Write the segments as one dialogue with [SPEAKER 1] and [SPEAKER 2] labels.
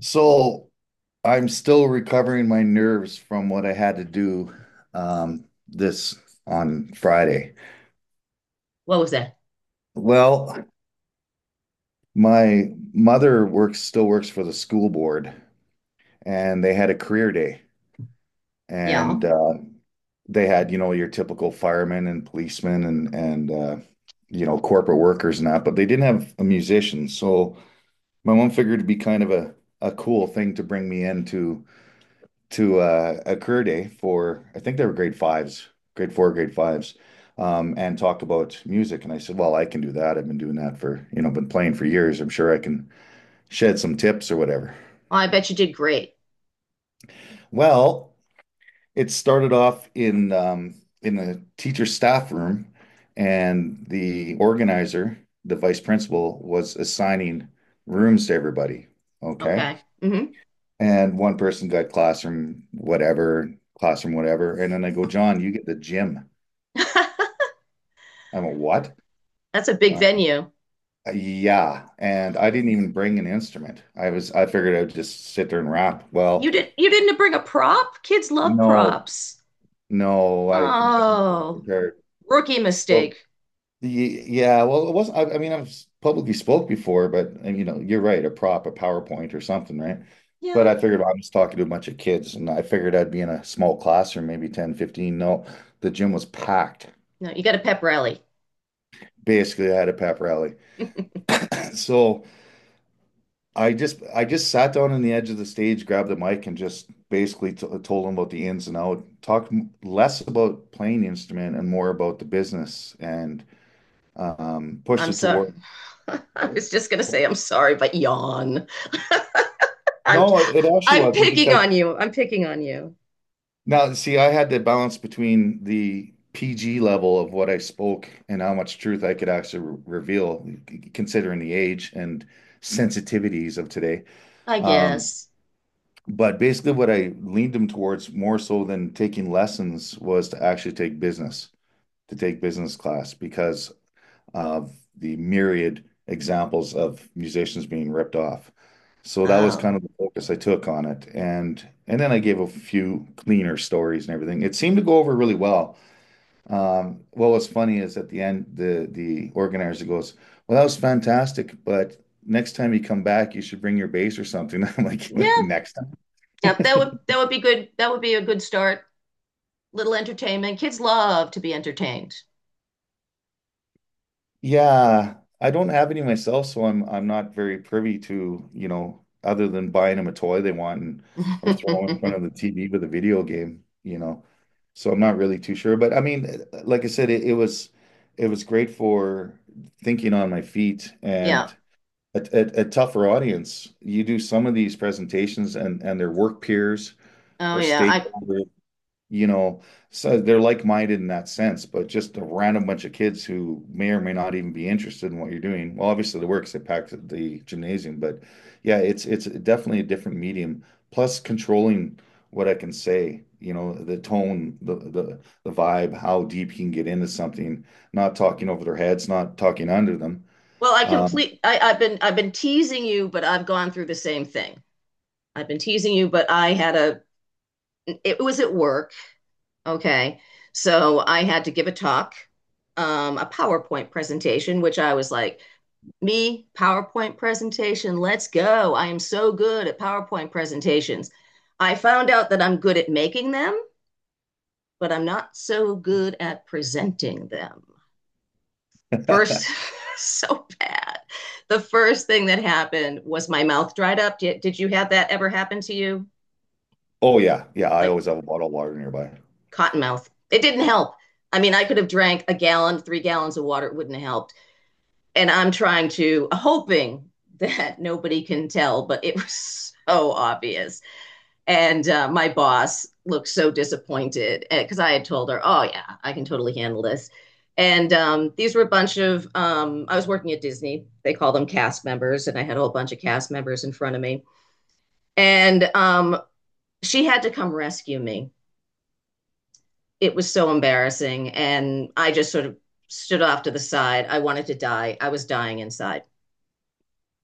[SPEAKER 1] So I'm still recovering my nerves from what I had to do this on Friday.
[SPEAKER 2] What was that?
[SPEAKER 1] Well, my mother works still works for the school board, and they had a career day,
[SPEAKER 2] Yeah.
[SPEAKER 1] and
[SPEAKER 2] Well,
[SPEAKER 1] they had your typical firemen and policemen and corporate workers and that, but they didn't have a musician. So my mom figured it'd be kind of a cool thing to bring me into to a career day for I think they were grade fives, grade four, grade fives, and talked about music. And I said, "Well, I can do that. I've been doing that for been playing for years. I'm sure I can shed some tips or whatever."
[SPEAKER 2] I bet you did great.
[SPEAKER 1] Well, it started off in the teacher staff room, and the organizer, the vice principal, was assigning rooms to everybody. Okay.
[SPEAKER 2] Okay.
[SPEAKER 1] And one person got classroom, whatever, classroom, whatever. And then I go, John, you get the gym. I'm a what?
[SPEAKER 2] That's a big
[SPEAKER 1] Uh,
[SPEAKER 2] venue.
[SPEAKER 1] yeah, and I didn't even bring an instrument. I figured I'd just sit there and rap. Well,
[SPEAKER 2] You didn't bring a prop? Kids love
[SPEAKER 1] no,
[SPEAKER 2] props.
[SPEAKER 1] no, I can wasn't really
[SPEAKER 2] Oh,
[SPEAKER 1] prepared.
[SPEAKER 2] rookie
[SPEAKER 1] So
[SPEAKER 2] mistake.
[SPEAKER 1] y- yeah, well, it wasn't. I mean, I've publicly spoke before, but and, you know, you're right, a prop, a PowerPoint or something, right? But
[SPEAKER 2] Yeah.
[SPEAKER 1] I figured I was talking to a bunch of kids, and I figured I'd be in a small classroom, maybe 10, 15. No, the gym was packed.
[SPEAKER 2] No, you got a pep rally.
[SPEAKER 1] Basically, I had a pep rally. So. I just sat down on the edge of the stage, grabbed the mic, and just basically t told them about the ins and out. Talked less about playing the instrument and more about the business, and pushed
[SPEAKER 2] I'm
[SPEAKER 1] it
[SPEAKER 2] sorry.
[SPEAKER 1] toward.
[SPEAKER 2] I was just gonna say I'm sorry, but yawn. I'm
[SPEAKER 1] No, it actually
[SPEAKER 2] I'm
[SPEAKER 1] wasn't
[SPEAKER 2] picking
[SPEAKER 1] because
[SPEAKER 2] on you. I'm picking on you.
[SPEAKER 1] now see, I had to balance between the PG level of what I spoke and how much truth I could actually re reveal, considering the age and sensitivities of today.
[SPEAKER 2] I
[SPEAKER 1] Um,
[SPEAKER 2] guess.
[SPEAKER 1] But basically, what I leaned him towards more so than taking lessons was to actually take business, to take business class because of the myriad examples of musicians being ripped off. So that was
[SPEAKER 2] Oh.
[SPEAKER 1] kind of the focus I took on it. And then I gave a few cleaner stories and everything. It seemed to go over really well. What was funny is at the end, the organizer goes, "Well, that was fantastic, but next time you come back, you should bring your bass or something." I'm like, "Wait,
[SPEAKER 2] Yeah,
[SPEAKER 1] next time."
[SPEAKER 2] yeah, that would be good. That would be a good start. Little entertainment. Kids love to be entertained.
[SPEAKER 1] Yeah, I don't have any myself, so I'm not very privy to, you know, other than buying them a toy they want and or throwing in front of the TV with a video game, you know. So I'm not really too sure, but I mean, like I said, it was great for thinking on my feet
[SPEAKER 2] Yeah.
[SPEAKER 1] and a tougher audience. You do some of these presentations and their work peers
[SPEAKER 2] Oh
[SPEAKER 1] or
[SPEAKER 2] yeah. I
[SPEAKER 1] stakeholders, you know, so they're like-minded in that sense, but just a random bunch of kids who may or may not even be interested in what you're doing. Well, obviously they work 'cause they packed the gymnasium, but yeah, it's definitely a different medium. Plus controlling what I can say, you know, the tone, the vibe, how deep you can get into something, not talking over their heads, not talking under them.
[SPEAKER 2] well, I
[SPEAKER 1] Um,
[SPEAKER 2] complete I, I've been teasing you, but I've gone through the same thing. I've been teasing you, but I had a it was at work. Okay. So I had to give a talk, a PowerPoint presentation, which I was like, me, PowerPoint presentation, let's go. I am so good at PowerPoint presentations. I found out that I'm good at making them, but I'm not so good at presenting them. First So bad, the first thing that happened was my mouth dried up. Did you have that ever happen to you
[SPEAKER 1] oh yeah, yeah, I
[SPEAKER 2] like
[SPEAKER 1] always have a bottle of water nearby.
[SPEAKER 2] cotton mouth? It didn't help. I mean, I could have drank a gallon, 3 gallons of water, it wouldn't have helped. And I'm trying to hoping that nobody can tell, but it was so obvious. And my boss looked so disappointed because I had told her, "Oh yeah, I can totally handle this." And these were a bunch of I was working at Disney. They call them cast members, and I had a whole bunch of cast members in front of me. And she had to come rescue me. It was so embarrassing, and I just sort of stood off to the side. I wanted to die. I was dying inside.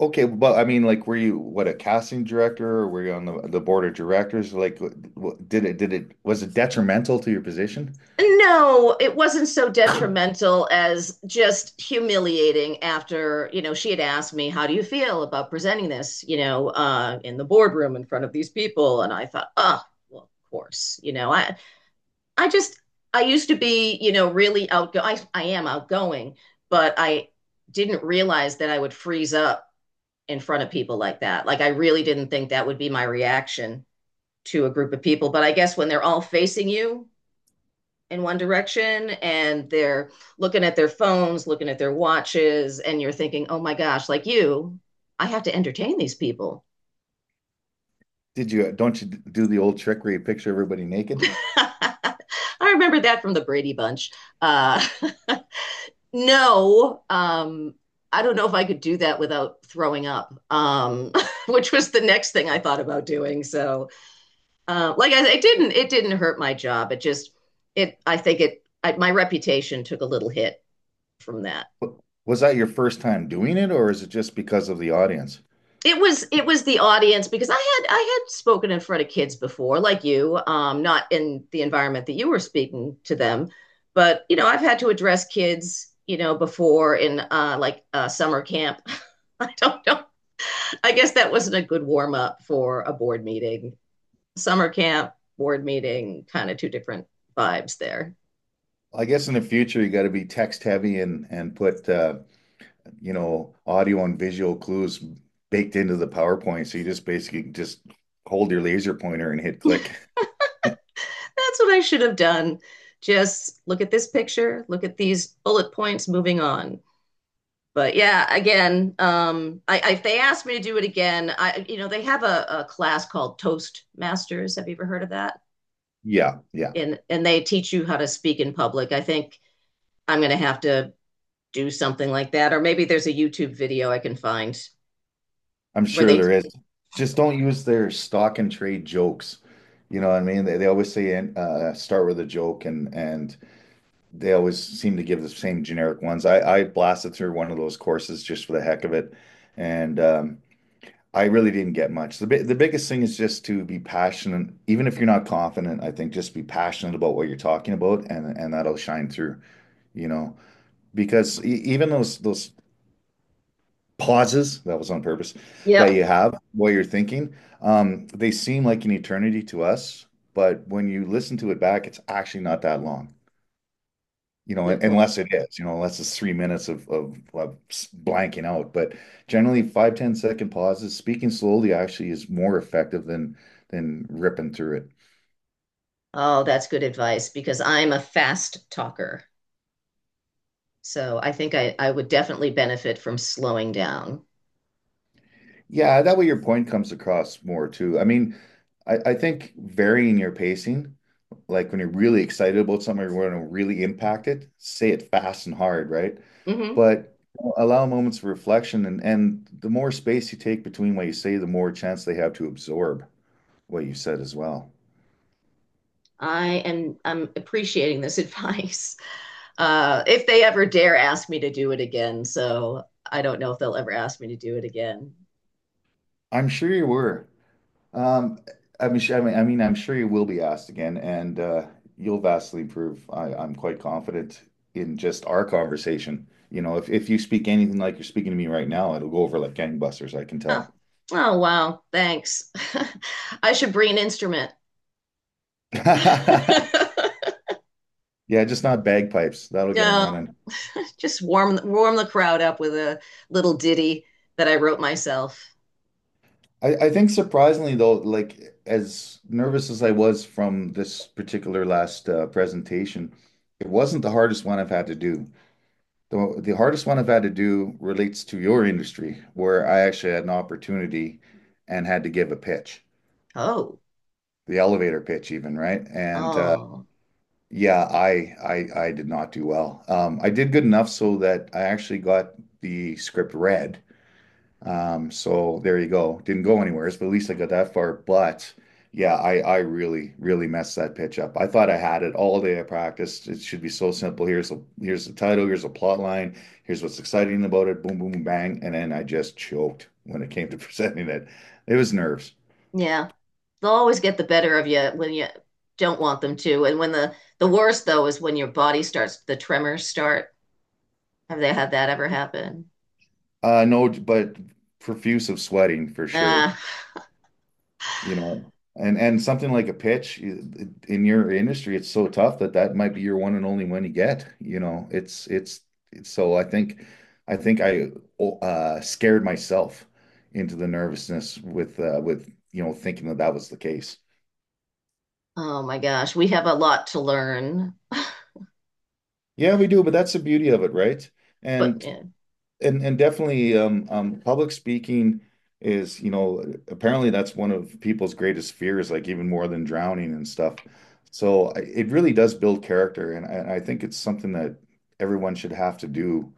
[SPEAKER 1] Okay, but I mean, like, were you what a casting director, or were you on the board of directors? Like, did it was it detrimental to your position?
[SPEAKER 2] No, it wasn't so detrimental as just humiliating. After, you know, she had asked me, how do you feel about presenting this, you know, in the boardroom in front of these people? And I thought, oh, well, of course, you know, I just, I used to be, you know, really outgoing. I am outgoing, but I didn't realize that I would freeze up in front of people like that. Like, I really didn't think that would be my reaction to a group of people. But I guess when they're all facing you, in one direction, and they're looking at their phones, looking at their watches, and you're thinking, oh my gosh, like you, I have to entertain these people.
[SPEAKER 1] Did you don't you do the old trick where you picture everybody naked?
[SPEAKER 2] I remember that from the Brady Bunch. Uh, no, I don't know if I could do that without throwing up, which was the next thing I thought about doing. So, like it didn't hurt my job. It just, it, I think it, I, my reputation took a little hit from that.
[SPEAKER 1] Wa- Was that your first time doing it, or is it just because of the audience?
[SPEAKER 2] It was it was the audience, because I had spoken in front of kids before, like you, not in the environment that you were speaking to them, but you know I've had to address kids, you know, before in like summer camp. I don't know. I guess that wasn't a good warm up for a board meeting. Summer camp, board meeting, kind of two different vibes there.
[SPEAKER 1] I guess in the future you got to be text heavy and put you know audio and visual clues baked into the PowerPoint, so you just basically just hold your laser pointer and hit click.
[SPEAKER 2] That's what I should have done. Just look at this picture, look at these bullet points, moving on. But yeah, again, if they asked me to do it again, I, you know, they have a class called Toastmasters. Have you ever heard of that?
[SPEAKER 1] Yeah, yeah.
[SPEAKER 2] And they teach you how to speak in public. I think I'm going to have to do something like that, or maybe there's a YouTube video I can find
[SPEAKER 1] I'm
[SPEAKER 2] where
[SPEAKER 1] sure
[SPEAKER 2] they.
[SPEAKER 1] there is. Just don't use their stock and trade jokes. You know what I mean? They always say and start with a joke, and they always seem to give the same generic ones. I blasted through one of those courses just for the heck of it, and I really didn't get much. The biggest thing is just to be passionate, even if you're not confident. I think just be passionate about what you're talking about, and that'll shine through. You know, because even those pauses, that was on purpose, that
[SPEAKER 2] Yep,
[SPEAKER 1] you have while you're thinking, they seem like an eternity to us, but when you listen to it back, it's actually not that long, you know,
[SPEAKER 2] good point.
[SPEAKER 1] unless it is, you know, unless it's 3 minutes of blanking out. But generally, five ten second pauses, speaking slowly actually is more effective than ripping through it.
[SPEAKER 2] Oh, that's good advice because I'm a fast talker. So I think I would definitely benefit from slowing down.
[SPEAKER 1] Yeah, that way your point comes across more too. I mean, I think varying your pacing, like when you're really excited about something, you want to really impact it, say it fast and hard, right?
[SPEAKER 2] hmm
[SPEAKER 1] But allow moments of reflection and the more space you take between what you say, the more chance they have to absorb what you said as well.
[SPEAKER 2] I'm appreciating this advice. If they ever dare ask me to do it again. So I don't know if they'll ever ask me to do it again.
[SPEAKER 1] I'm sure you were. Um, I mean, I'm sure you will be asked again, and you'll vastly improve. I'm quite confident in just our conversation. You know, if you speak anything like you're speaking to me right now, it'll go over like gangbusters, I can
[SPEAKER 2] Oh,
[SPEAKER 1] tell.
[SPEAKER 2] oh wow, thanks. I should bring an instrument.
[SPEAKER 1] Yeah, just not bagpipes. That'll get him
[SPEAKER 2] No,
[SPEAKER 1] running.
[SPEAKER 2] just warm the crowd up with a little ditty that I wrote myself.
[SPEAKER 1] I think surprisingly though, like as nervous as I was from this particular last presentation, it wasn't the hardest one I've had to do. The hardest one I've had to do relates to your industry, where I actually had an opportunity and had to give a pitch,
[SPEAKER 2] Oh,
[SPEAKER 1] the elevator pitch even, right? And
[SPEAKER 2] oh,
[SPEAKER 1] Yeah, I did not do well. I did good enough so that I actually got the script read. So there you go. Didn't go anywhere, but at least I got that far. But yeah, I really messed that pitch up. I thought I had it all day. I practiced. It should be so simple. Here's the title. Here's the plot line. Here's what's exciting about it. Boom boom bang, and then I just choked when it came to presenting it. It was nerves.
[SPEAKER 2] yeah. They'll always get the better of you when you don't want them to. And when the worst though is when your body starts, the tremors start. Have they had that ever happen?
[SPEAKER 1] No, but profuse of sweating for sure.
[SPEAKER 2] Ah. Uh,
[SPEAKER 1] You know, and something like a pitch in your industry, it's so tough that that might be your one and only one you get. You know, it's so I scared myself into the nervousness with thinking that that was the case.
[SPEAKER 2] oh my gosh, we have a lot to learn.
[SPEAKER 1] Yeah, we do, but that's the beauty of it, right?
[SPEAKER 2] But
[SPEAKER 1] And
[SPEAKER 2] yeah.
[SPEAKER 1] and definitely, public speaking is, you know, apparently that's one of people's greatest fears, like even more than drowning and stuff. So it really does build character, and I think it's something that everyone should have to do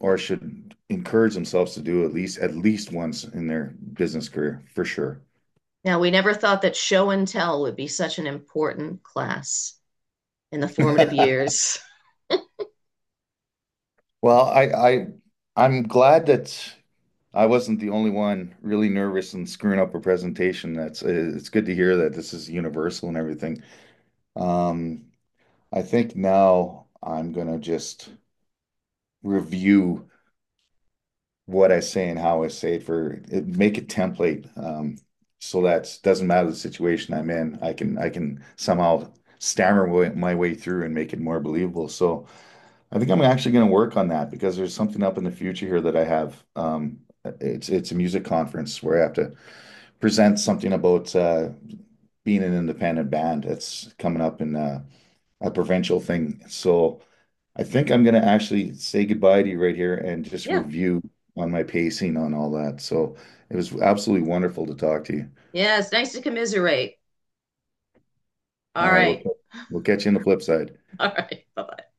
[SPEAKER 1] or should encourage themselves to do at least once in their business career, for sure.
[SPEAKER 2] Now, we never thought that show and tell would be such an important class in the formative years.
[SPEAKER 1] Well, I I'm glad that I wasn't the only one really nervous and screwing up a presentation. That's it's good to hear that this is universal and everything. Um, I think now I'm gonna just review what I say and how I say it for it, make a template. So that doesn't matter the situation I'm in. I can somehow stammer my way through and make it more believable. So I think I'm actually gonna work on that because there's something up in the future here that I have. It's a music conference where I have to present something about being an independent band. That's coming up in a provincial thing. So I think I'm gonna actually say goodbye to you right here and just
[SPEAKER 2] Yeah.
[SPEAKER 1] review on my pacing on all that. So it was absolutely wonderful to talk to you.
[SPEAKER 2] Yeah, it's nice to commiserate.
[SPEAKER 1] All
[SPEAKER 2] All
[SPEAKER 1] right,
[SPEAKER 2] right.
[SPEAKER 1] we'll catch you on the flip side.
[SPEAKER 2] All right. Bye-bye.